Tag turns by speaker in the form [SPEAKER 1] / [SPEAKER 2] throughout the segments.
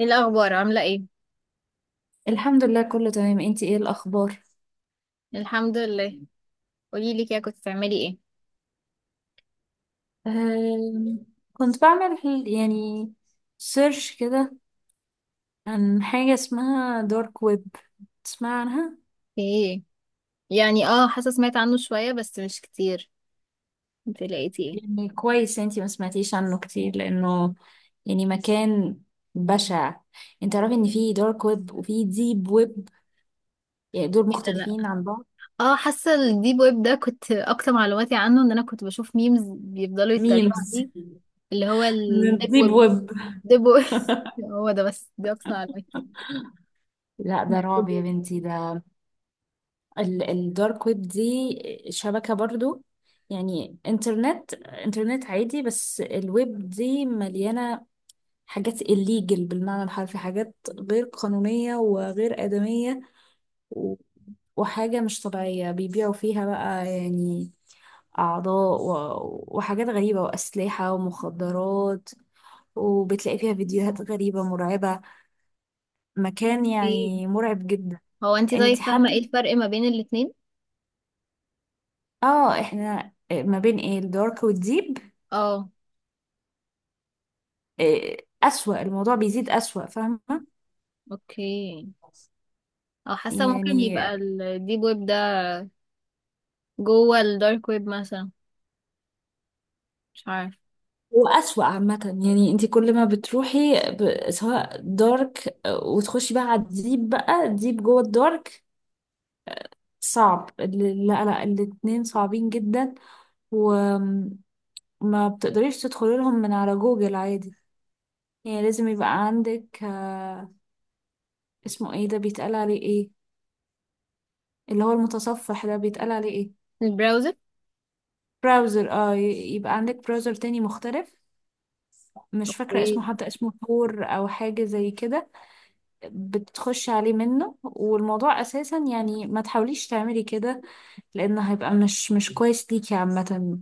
[SPEAKER 1] ايه الاخبار؟ عامله ايه؟
[SPEAKER 2] الحمد لله كله تمام. انتي ايه الاخبار؟
[SPEAKER 1] الحمد لله. قولي لي كده، كنت بتعملي ايه؟
[SPEAKER 2] أم، كنت بعمل يعني سيرش كده عن حاجة اسمها دارك ويب. تسمع عنها؟
[SPEAKER 1] ايه يعني، اه حاسه سمعت عنه شويه بس مش كتير. انت لقيتي ايه؟
[SPEAKER 2] يعني كويس انتي ما سمعتيش عنه كتير لانه يعني مكان بشع. انت تعرفي ان في دارك ويب وفي ديب ويب؟ يعني دول
[SPEAKER 1] كده لا.
[SPEAKER 2] مختلفين عن بعض.
[SPEAKER 1] اه حاسه الديب ويب ده كنت اكتر معلوماتي عنه ان انا كنت بشوف ميمز بيفضلوا يتريقوا
[SPEAKER 2] ميمز
[SPEAKER 1] عليه، اللي هو
[SPEAKER 2] من
[SPEAKER 1] الديب
[SPEAKER 2] الديب
[SPEAKER 1] ويب.
[SPEAKER 2] ويب.
[SPEAKER 1] ديب ويب. هو ده بس، دي اكتر معلوماتي.
[SPEAKER 2] لا
[SPEAKER 1] ديب
[SPEAKER 2] ده رعب يا
[SPEAKER 1] ويب.
[SPEAKER 2] بنتي ده. الدارك ويب دي شبكة برضو، يعني انترنت عادي، بس الويب دي مليانة حاجات الليجل بالمعنى الحرفي، حاجات غير قانونية وغير آدمية، و- وحاجة مش طبيعية بيبيعوا فيها بقى، يعني أعضاء وحاجات غريبة وأسلحة ومخدرات، وبتلاقي فيها فيديوهات غريبة مرعبة، مكان
[SPEAKER 1] ايه.
[SPEAKER 2] يعني مرعب جدا.
[SPEAKER 1] هو انت
[SPEAKER 2] انت
[SPEAKER 1] طيب فاهمه ايه
[SPEAKER 2] حابة
[SPEAKER 1] الفرق ما بين الاتنين؟
[SPEAKER 2] اه احنا ما بين ايه الدارك والديب؟
[SPEAKER 1] اه.
[SPEAKER 2] آه، أسوأ، الموضوع بيزيد أسوأ، فاهمة؟
[SPEAKER 1] اوكي. اه حاسه ممكن
[SPEAKER 2] يعني
[SPEAKER 1] يبقى الديب ويب ده جوه الدارك ويب مثلا، مش عارف.
[SPEAKER 2] هو أسوأ عامة. يعني انت كل ما بتروحي سواء دارك وتخشي بقى على الديب، بقى الديب جوه الدارك. صعب لا لا الاتنين صعبين جدا. وما بتقدريش تدخلي لهم من على جوجل عادي، يعني لازم يبقى عندك اسمه ايه ده، بيتقال عليه ايه؟ اللي هو المتصفح ده بيتقال عليه ايه؟
[SPEAKER 1] البراوزر.
[SPEAKER 2] براوزر اه يبقى عندك براوزر تاني مختلف. مش فاكرة
[SPEAKER 1] ايه؟
[SPEAKER 2] اسمه حتى، اسمه ثور أو حاجة زي كده. بتخش عليه منه، والموضوع أساسا يعني ما تحاوليش تعملي كده، لأن هيبقى مش كويس ليكي عامة.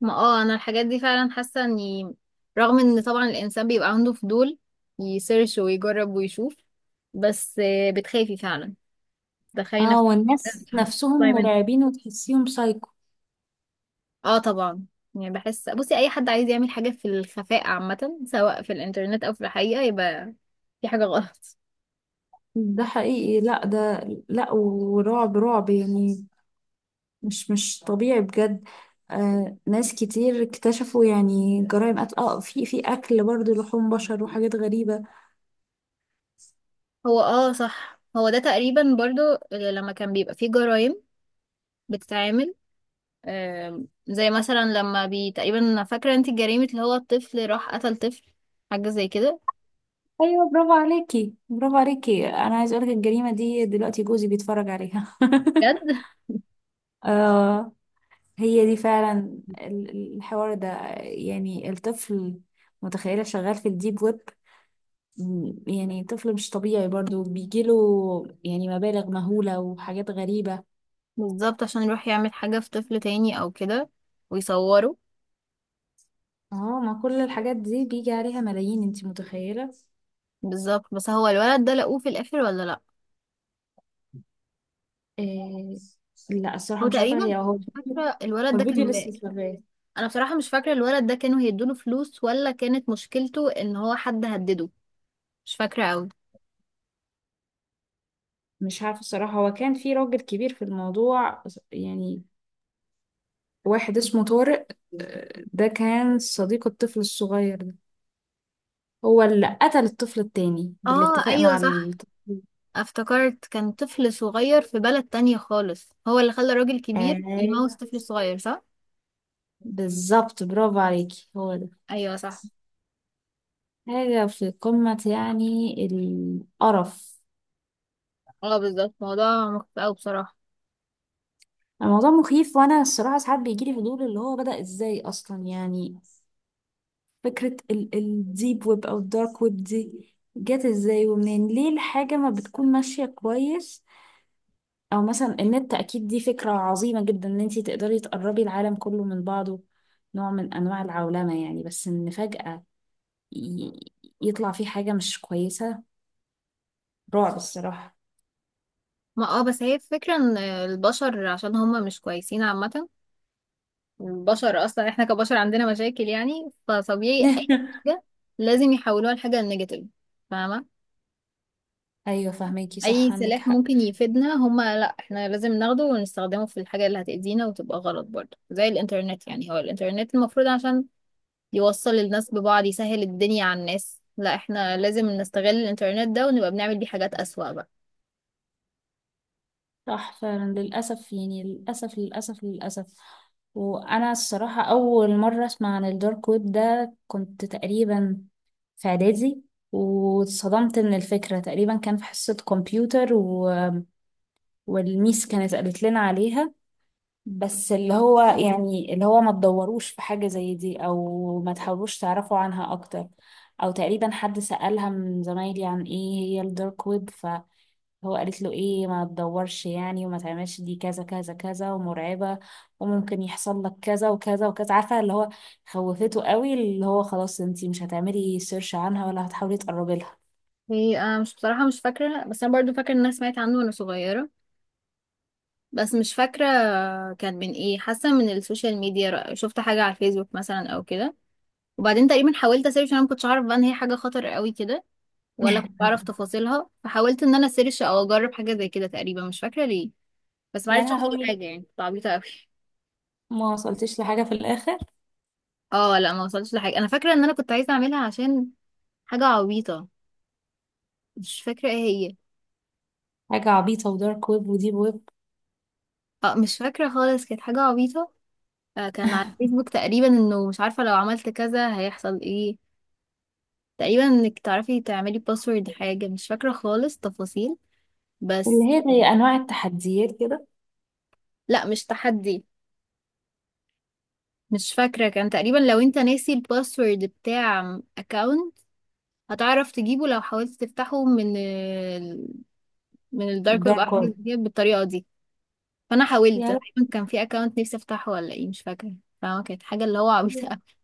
[SPEAKER 1] ما اه انا الحاجات دي فعلا حاسه اني، رغم ان طبعا الانسان بيبقى عنده فضول يسيرش ويجرب ويشوف، بس بتخافي فعلا. تخيلي
[SPEAKER 2] اه
[SPEAKER 1] نفسك
[SPEAKER 2] والناس
[SPEAKER 1] مش عارفه
[SPEAKER 2] نفسهم
[SPEAKER 1] تطلعي منها.
[SPEAKER 2] مرعبين وتحسيهم سايكو.
[SPEAKER 1] اه طبعا. يعني بحس، بصي اي حد عايز يعمل حاجه في الخفاء عامه، سواء في الانترنت او في الحقيقه، يبقى في حاجه غلط.
[SPEAKER 2] ده حقيقي، لا ده، لا، ورعب رعب يعني، مش طبيعي بجد. آه ناس كتير اكتشفوا يعني جرائم قتل، في أكل برضه لحوم بشر وحاجات غريبة.
[SPEAKER 1] هو اه صح، هو ده تقريبا برضو لما كان بيبقى فيه جرائم بتتعمل. زي مثلا لما بي تقريبا، فاكرة انت جريمة اللي هو الطفل راح قتل طفل، حاجة زي كده.
[SPEAKER 2] ايوه، برافو عليكي، برافو عليكي، انا عايز اقولك الجريمه دي دلوقتي جوزي بيتفرج عليها.
[SPEAKER 1] بجد.
[SPEAKER 2] آه. هي دي فعلا الحوار ده، يعني الطفل، متخيله شغال في الديب ويب؟ يعني طفل مش طبيعي برضو بيجيله يعني مبالغ مهوله وحاجات غريبه.
[SPEAKER 1] بالظبط، عشان يروح يعمل حاجة في طفل تاني او كده ويصوره.
[SPEAKER 2] اه ما كل الحاجات دي بيجي عليها ملايين، انتي متخيله؟
[SPEAKER 1] بالظبط. بس هو الولد ده لقوه في الاخر ولا لا؟
[SPEAKER 2] إيه، لا الصراحه
[SPEAKER 1] او
[SPEAKER 2] مش عارفه، هي
[SPEAKER 1] تقريبا
[SPEAKER 2] هو
[SPEAKER 1] مش
[SPEAKER 2] الفيديو،
[SPEAKER 1] فاكرة الولد
[SPEAKER 2] هو
[SPEAKER 1] ده
[SPEAKER 2] الفيديو
[SPEAKER 1] كان
[SPEAKER 2] لسه
[SPEAKER 1] بقى.
[SPEAKER 2] شغال.
[SPEAKER 1] انا بصراحة مش فاكرة الولد ده كانوا هيدوله فلوس ولا كانت مشكلته ان هو حد هدده. مش فاكرة اوي.
[SPEAKER 2] مش عارفة الصراحة، هو كان في راجل كبير في الموضوع، يعني واحد اسمه طارق. ده كان صديق الطفل الصغير ده، هو اللي قتل الطفل التاني
[SPEAKER 1] اه
[SPEAKER 2] بالاتفاق
[SPEAKER 1] ايوه
[SPEAKER 2] مع
[SPEAKER 1] صح،
[SPEAKER 2] الطفل.
[SPEAKER 1] افتكرت. كان طفل صغير في بلد تانية خالص هو اللي خلى راجل كبير يموت
[SPEAKER 2] آه
[SPEAKER 1] طفل صغير، صح؟
[SPEAKER 2] بالظبط، برافو عليكي، هو ده.
[SPEAKER 1] ايوه صح.
[SPEAKER 2] حاجة في قمة يعني القرف.
[SPEAKER 1] اه بالظبط، موضوع مخيف اوي بصراحه.
[SPEAKER 2] الموضوع مخيف، وأنا الصراحة ساعات بيجيلي فضول اللي هو بدأ إزاي أصلا يعني، فكرة الديب ويب أو الدارك ويب دي جت ازاي ومنين، ليه الحاجة ما بتكون ماشية كويس؟ أو مثلا النت أكيد دي فكرة عظيمة جدا، إن انتي تقدري تقربي العالم كله من بعضه، نوع من أنواع العولمة يعني، بس إن فجأة ي- يطلع فيه حاجة مش كويسة، رعب الصراحة.
[SPEAKER 1] ما اه بس هي الفكره ان البشر عشان هما مش كويسين عامه. البشر اصلا احنا كبشر عندنا مشاكل، يعني فطبيعي اي حاجه لازم يحولوها لحاجه نيجاتيف، فاهمه؟
[SPEAKER 2] أيوة فهميكي صح،
[SPEAKER 1] اي
[SPEAKER 2] عندك
[SPEAKER 1] سلاح
[SPEAKER 2] حق.
[SPEAKER 1] ممكن يفيدنا هما لا، احنا لازم ناخده ونستخدمه في الحاجه اللي هتأذينا وتبقى غلط، برضه زي الانترنت. يعني هو الانترنت المفروض عشان يوصل الناس ببعض، يسهل الدنيا على الناس، لا احنا لازم نستغل الانترنت ده ونبقى بنعمل بيه حاجات اسوأ بقى.
[SPEAKER 2] صح فعلا للأسف يعني، للأسف للأسف للأسف. وأنا الصراحة أول مرة أسمع عن الدارك ويب ده كنت تقريبا في اعدادي، واتصدمت من الفكرة. تقريبا كان في حصة كمبيوتر والميس كانت قالت لنا عليها، بس اللي هو يعني اللي هو ما تدوروش في حاجة زي دي او ما تحاولوش تعرفوا عنها اكتر. او تقريبا حد سألها من زمايلي عن ايه هي الدارك ويب، فهو قالت له ايه ما تدورش يعني وما تعملش، دي كذا كذا كذا ومرعبة، وممكن يحصل لك كذا وكذا وكذا، عارفة اللي هو خوفته قوي، اللي هو خلاص انتي مش هتعملي سيرش عنها ولا هتحاولي تقربي لها.
[SPEAKER 1] هي انا مش بصراحة مش فاكرة، بس انا برضو فاكرة ان انا سمعت عنه وانا صغيرة، بس مش فاكرة كان من ايه. حاسة من السوشيال ميديا شفت حاجة على الفيسبوك مثلا او كده، وبعدين تقريبا حاولت اسيرش. انا ما كنتش اعرف بقى ان هي حاجة خطر قوي كده ولا كنت اعرف تفاصيلها، فحاولت ان انا اسيرش او اجرب حاجة زي كده. تقريبا مش فاكرة ليه، بس ما
[SPEAKER 2] يا
[SPEAKER 1] عرفتش اوصل
[SPEAKER 2] لهوي،
[SPEAKER 1] لحاجة. يعني كنت عبيطة قوي.
[SPEAKER 2] ما وصلتش لحاجة في الآخر.
[SPEAKER 1] اه لا ما وصلتش لحاجة. انا فاكرة ان انا كنت عايزة اعملها عشان حاجة عبيطة، مش فاكرة ايه هي.
[SPEAKER 2] حاجة عبيطة، ودارك ويب وديب ويب.
[SPEAKER 1] اه مش فاكرة خالص، كانت حاجة عبيطة. كان على الفيسبوك تقريبا انه مش عارفة لو عملت كذا هيحصل ايه. تقريبا انك تعرفي تعملي باسورد، حاجة مش فاكرة خالص تفاصيل
[SPEAKER 2] اللي
[SPEAKER 1] بس.
[SPEAKER 2] هي زي أنواع التحديات كده،
[SPEAKER 1] لا مش تحدي. مش فاكرة، كان تقريبا لو انت ناسي الباسورد بتاع اكاونت هتعرف تجيبه لو حاولت تفتحه من ال... من الدارك ويب او
[SPEAKER 2] دارك
[SPEAKER 1] حاجة
[SPEAKER 2] ويب.
[SPEAKER 1] زي كده، بالطريقة دي. فانا حاولت. أنا
[SPEAKER 2] يا
[SPEAKER 1] تقريبا كان في اكاونت نفسي افتحه ولا ايه، مش فاكرة. فكانت حاجة اللي هو عبيطة
[SPEAKER 2] لهوي،
[SPEAKER 1] أوي.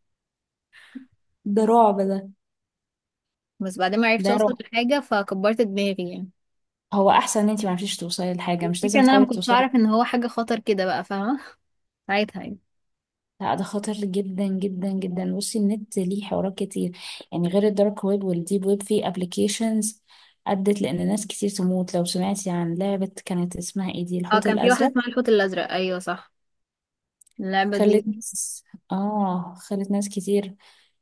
[SPEAKER 2] ده رعب ده.
[SPEAKER 1] بس بعدين ما عرفتش
[SPEAKER 2] ده رعب.
[SPEAKER 1] اوصل لحاجة، فكبرت دماغي يعني.
[SPEAKER 2] هو أحسن إن أنتي معرفتيش توصلي لحاجة، مش
[SPEAKER 1] الفكرة
[SPEAKER 2] لازم
[SPEAKER 1] ان انا
[SPEAKER 2] تحاولي
[SPEAKER 1] ما كنتش
[SPEAKER 2] توصلي.
[SPEAKER 1] اعرف ان هو حاجة خطر كده بقى، فاهمة؟ ساعتها يعني.
[SPEAKER 2] لا ده خطر جدا جدا جدا. بصي، النت ليه حوارات كتير، يعني غير الدارك ويب والديب ويب في أبليكيشنز أدت لأن ناس كتير تموت. لو سمعتي عن لعبة كانت اسمها إيه دي،
[SPEAKER 1] اه
[SPEAKER 2] الحوت
[SPEAKER 1] كان في واحدة
[SPEAKER 2] الأزرق،
[SPEAKER 1] اسمها الحوت الازرق، ايوه صح، اللعبة دي.
[SPEAKER 2] خلت ناس، خلت ناس كتير،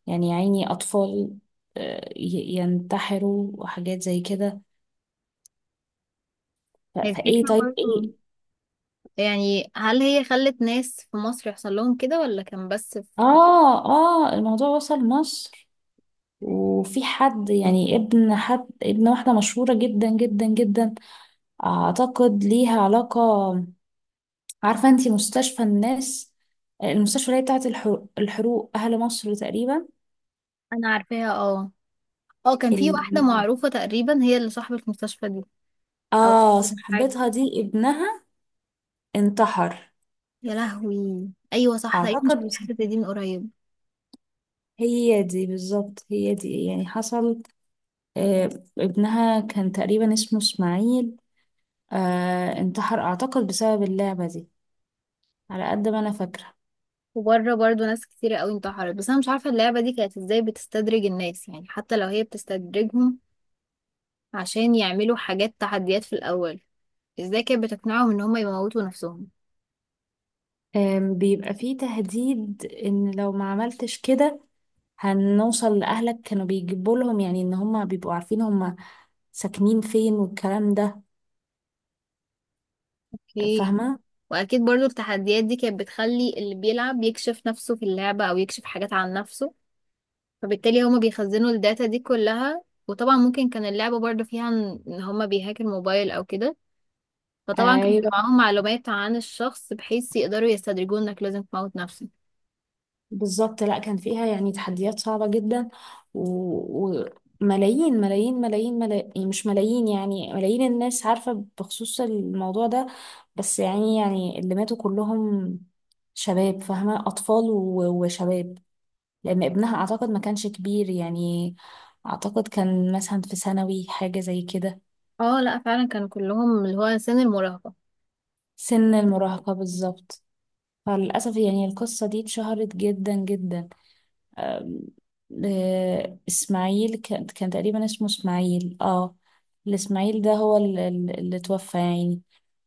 [SPEAKER 2] يعني يا عيني أطفال، ينتحروا وحاجات زي كده.
[SPEAKER 1] هي
[SPEAKER 2] فإيه
[SPEAKER 1] الفكرة
[SPEAKER 2] طيب
[SPEAKER 1] برضه،
[SPEAKER 2] إيه.
[SPEAKER 1] يعني هل هي خلت ناس في مصر يحصل لهم كده ولا كان بس في...
[SPEAKER 2] الموضوع وصل مصر. وفي حد يعني ابن حد، ابن واحدة مشهورة جدا جدا جدا، أعتقد ليها علاقة. عارفة أنتي مستشفى الناس، المستشفى اللي هي بتاعت الحروق أهل مصر تقريبا؟
[SPEAKER 1] انا عارفاها، اه. اه كان في واحدة
[SPEAKER 2] ال...
[SPEAKER 1] معروفة تقريبا هي اللي صاحبة المستشفى دي، او
[SPEAKER 2] آه صاحبتها دي، ابنها انتحر،
[SPEAKER 1] يا لهوي ايوه صح، تقريبا
[SPEAKER 2] أعتقد.
[SPEAKER 1] شفت
[SPEAKER 2] بس
[SPEAKER 1] الحتة دي من قريب.
[SPEAKER 2] هي دي بالظبط، هي دي يعني حصل. آه، ابنها كان تقريبا اسمه اسماعيل. انتحر اعتقد بسبب اللعبة دي، على قد ما انا فاكرة.
[SPEAKER 1] وبره برضه ناس كتيرة قوي انتحرت، بس انا مش عارفة اللعبة دي كانت ازاي بتستدرج الناس، يعني حتى لو هي بتستدرجهم عشان يعملوا حاجات تحديات في الأول، ازاي كانت بتقنعهم ان هما يموتوا نفسهم؟
[SPEAKER 2] بيبقى فيه تهديد ان لو ما عملتش كده هنوصل لأهلك، كانوا بيجيبوا لهم يعني، ان هما بيبقوا عارفين هما ساكنين فين والكلام ده،
[SPEAKER 1] اوكي.
[SPEAKER 2] فاهمة.
[SPEAKER 1] واكيد برضو التحديات دي كانت بتخلي اللي بيلعب يكشف نفسه في اللعبة او يكشف حاجات عن نفسه، فبالتالي هما بيخزنوا الداتا دي كلها، وطبعا ممكن كان اللعبة برضو فيها ان إن هما بيهاك الموبايل او كده، فطبعا كان بيبقى
[SPEAKER 2] ايوه
[SPEAKER 1] معاهم معلومات عن الشخص بحيث يقدروا يستدرجوه انك لازم تموت نفسك.
[SPEAKER 2] بالظبط، لا كان فيها يعني تحديات صعبة جدا و- وملايين ملايين ملايين ملايين، مش ملايين يعني، ملايين الناس عارفة بخصوص الموضوع ده. بس يعني اللي ماتوا كلهم شباب، فاهمة، أطفال وشباب. لأن ابنها أعتقد ما كانش كبير يعني، أعتقد كان مثلا في ثانوي، حاجة زي كده.
[SPEAKER 1] اه لا فعلا كانوا كلهم اللي هو سن المراهقة.
[SPEAKER 2] سن المراهقة بالظبط. فللأسف يعني القصة دي اتشهرت جدا جدا. آم، اسماعيل، كان تقريبا اسمه اسماعيل، الاسماعيل ده هو اللي توفى يعني.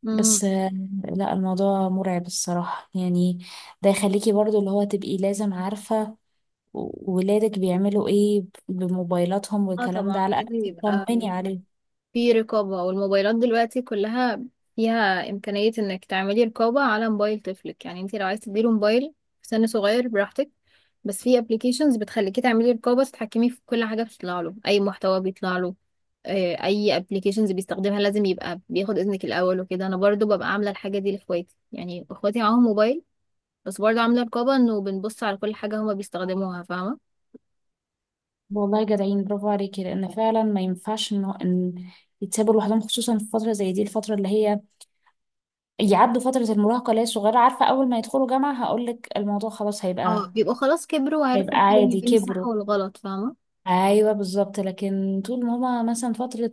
[SPEAKER 1] امم.
[SPEAKER 2] بس لا الموضوع مرعب الصراحة يعني. ده يخليكي برضو اللي هو تبقي لازم عارفة ولادك بيعملوا ايه بموبايلاتهم
[SPEAKER 1] اه
[SPEAKER 2] والكلام ده،
[SPEAKER 1] طبعا
[SPEAKER 2] على الأقل
[SPEAKER 1] لازم يبقى
[SPEAKER 2] تطمني عليهم.
[SPEAKER 1] في رقابة. والموبايلات دلوقتي كلها فيها إمكانية إنك تعملي رقابة على موبايل طفلك. يعني انت لو عايز تديله موبايل في سن صغير براحتك، بس في ابلكيشنز بتخليكي تعملي رقابة، تتحكمي في كل حاجة بتطلع له، أي محتوى بيطلع له. أي ابلكيشنز بيستخدمها لازم يبقى بياخد إذنك الأول وكده. أنا برضو ببقى عاملة الحاجة دي لإخواتي، يعني إخواتي معاهم موبايل بس برضو عاملة رقابة، إنه بنبص على كل حاجة هما بيستخدموها، فاهمة؟
[SPEAKER 2] والله جدعين، برافو عليكي، لأن فعلا ما ينفعش إن يتسابوا لوحدهم، خصوصا في فترة زي دي، الفترة اللي هي يعدوا فترة المراهقة اللي هي صغيرة. عارفة أول ما يدخلوا جامعة هقولك الموضوع خلاص
[SPEAKER 1] اه
[SPEAKER 2] هيبقى،
[SPEAKER 1] بيبقوا خلاص كبروا
[SPEAKER 2] هيبقى
[SPEAKER 1] وعرفوا الفرق ما
[SPEAKER 2] عادي،
[SPEAKER 1] بين الصح
[SPEAKER 2] كبروا.
[SPEAKER 1] والغلط، فاهمة؟
[SPEAKER 2] أيوة بالظبط، لكن طول ما هما مثلا فترة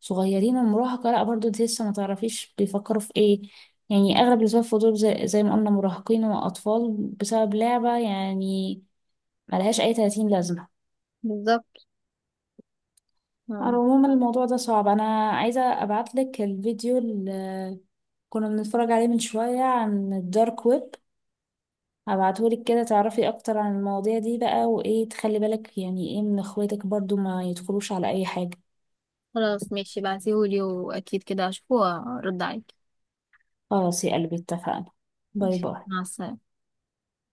[SPEAKER 2] صغيرين ومراهقة، لأ برضه انت لسه ما تعرفيش بيفكروا في ايه، يعني أغلب اللي سبب فضول زي ما قلنا مراهقين وأطفال بسبب لعبة يعني، ملهاش أي تلاتين لازمة.
[SPEAKER 1] بالظبط.
[SPEAKER 2] على العموم الموضوع ده صعب. أنا عايزة أبعتلك الفيديو اللي كنا بنتفرج عليه من شوية عن الدارك ويب، هبعتهولك كده تعرفي اكتر عن المواضيع دي بقى، وايه تخلي بالك يعني ايه من اخواتك برضو ما يدخلوش على اي حاجة.
[SPEAKER 1] خلاص ماشي، بعتيهولي واكيد كده هشوفه وارد عليك.
[SPEAKER 2] خلاص يا قلبي اتفقنا. باي
[SPEAKER 1] ماشي،
[SPEAKER 2] باي.
[SPEAKER 1] مع السلامة.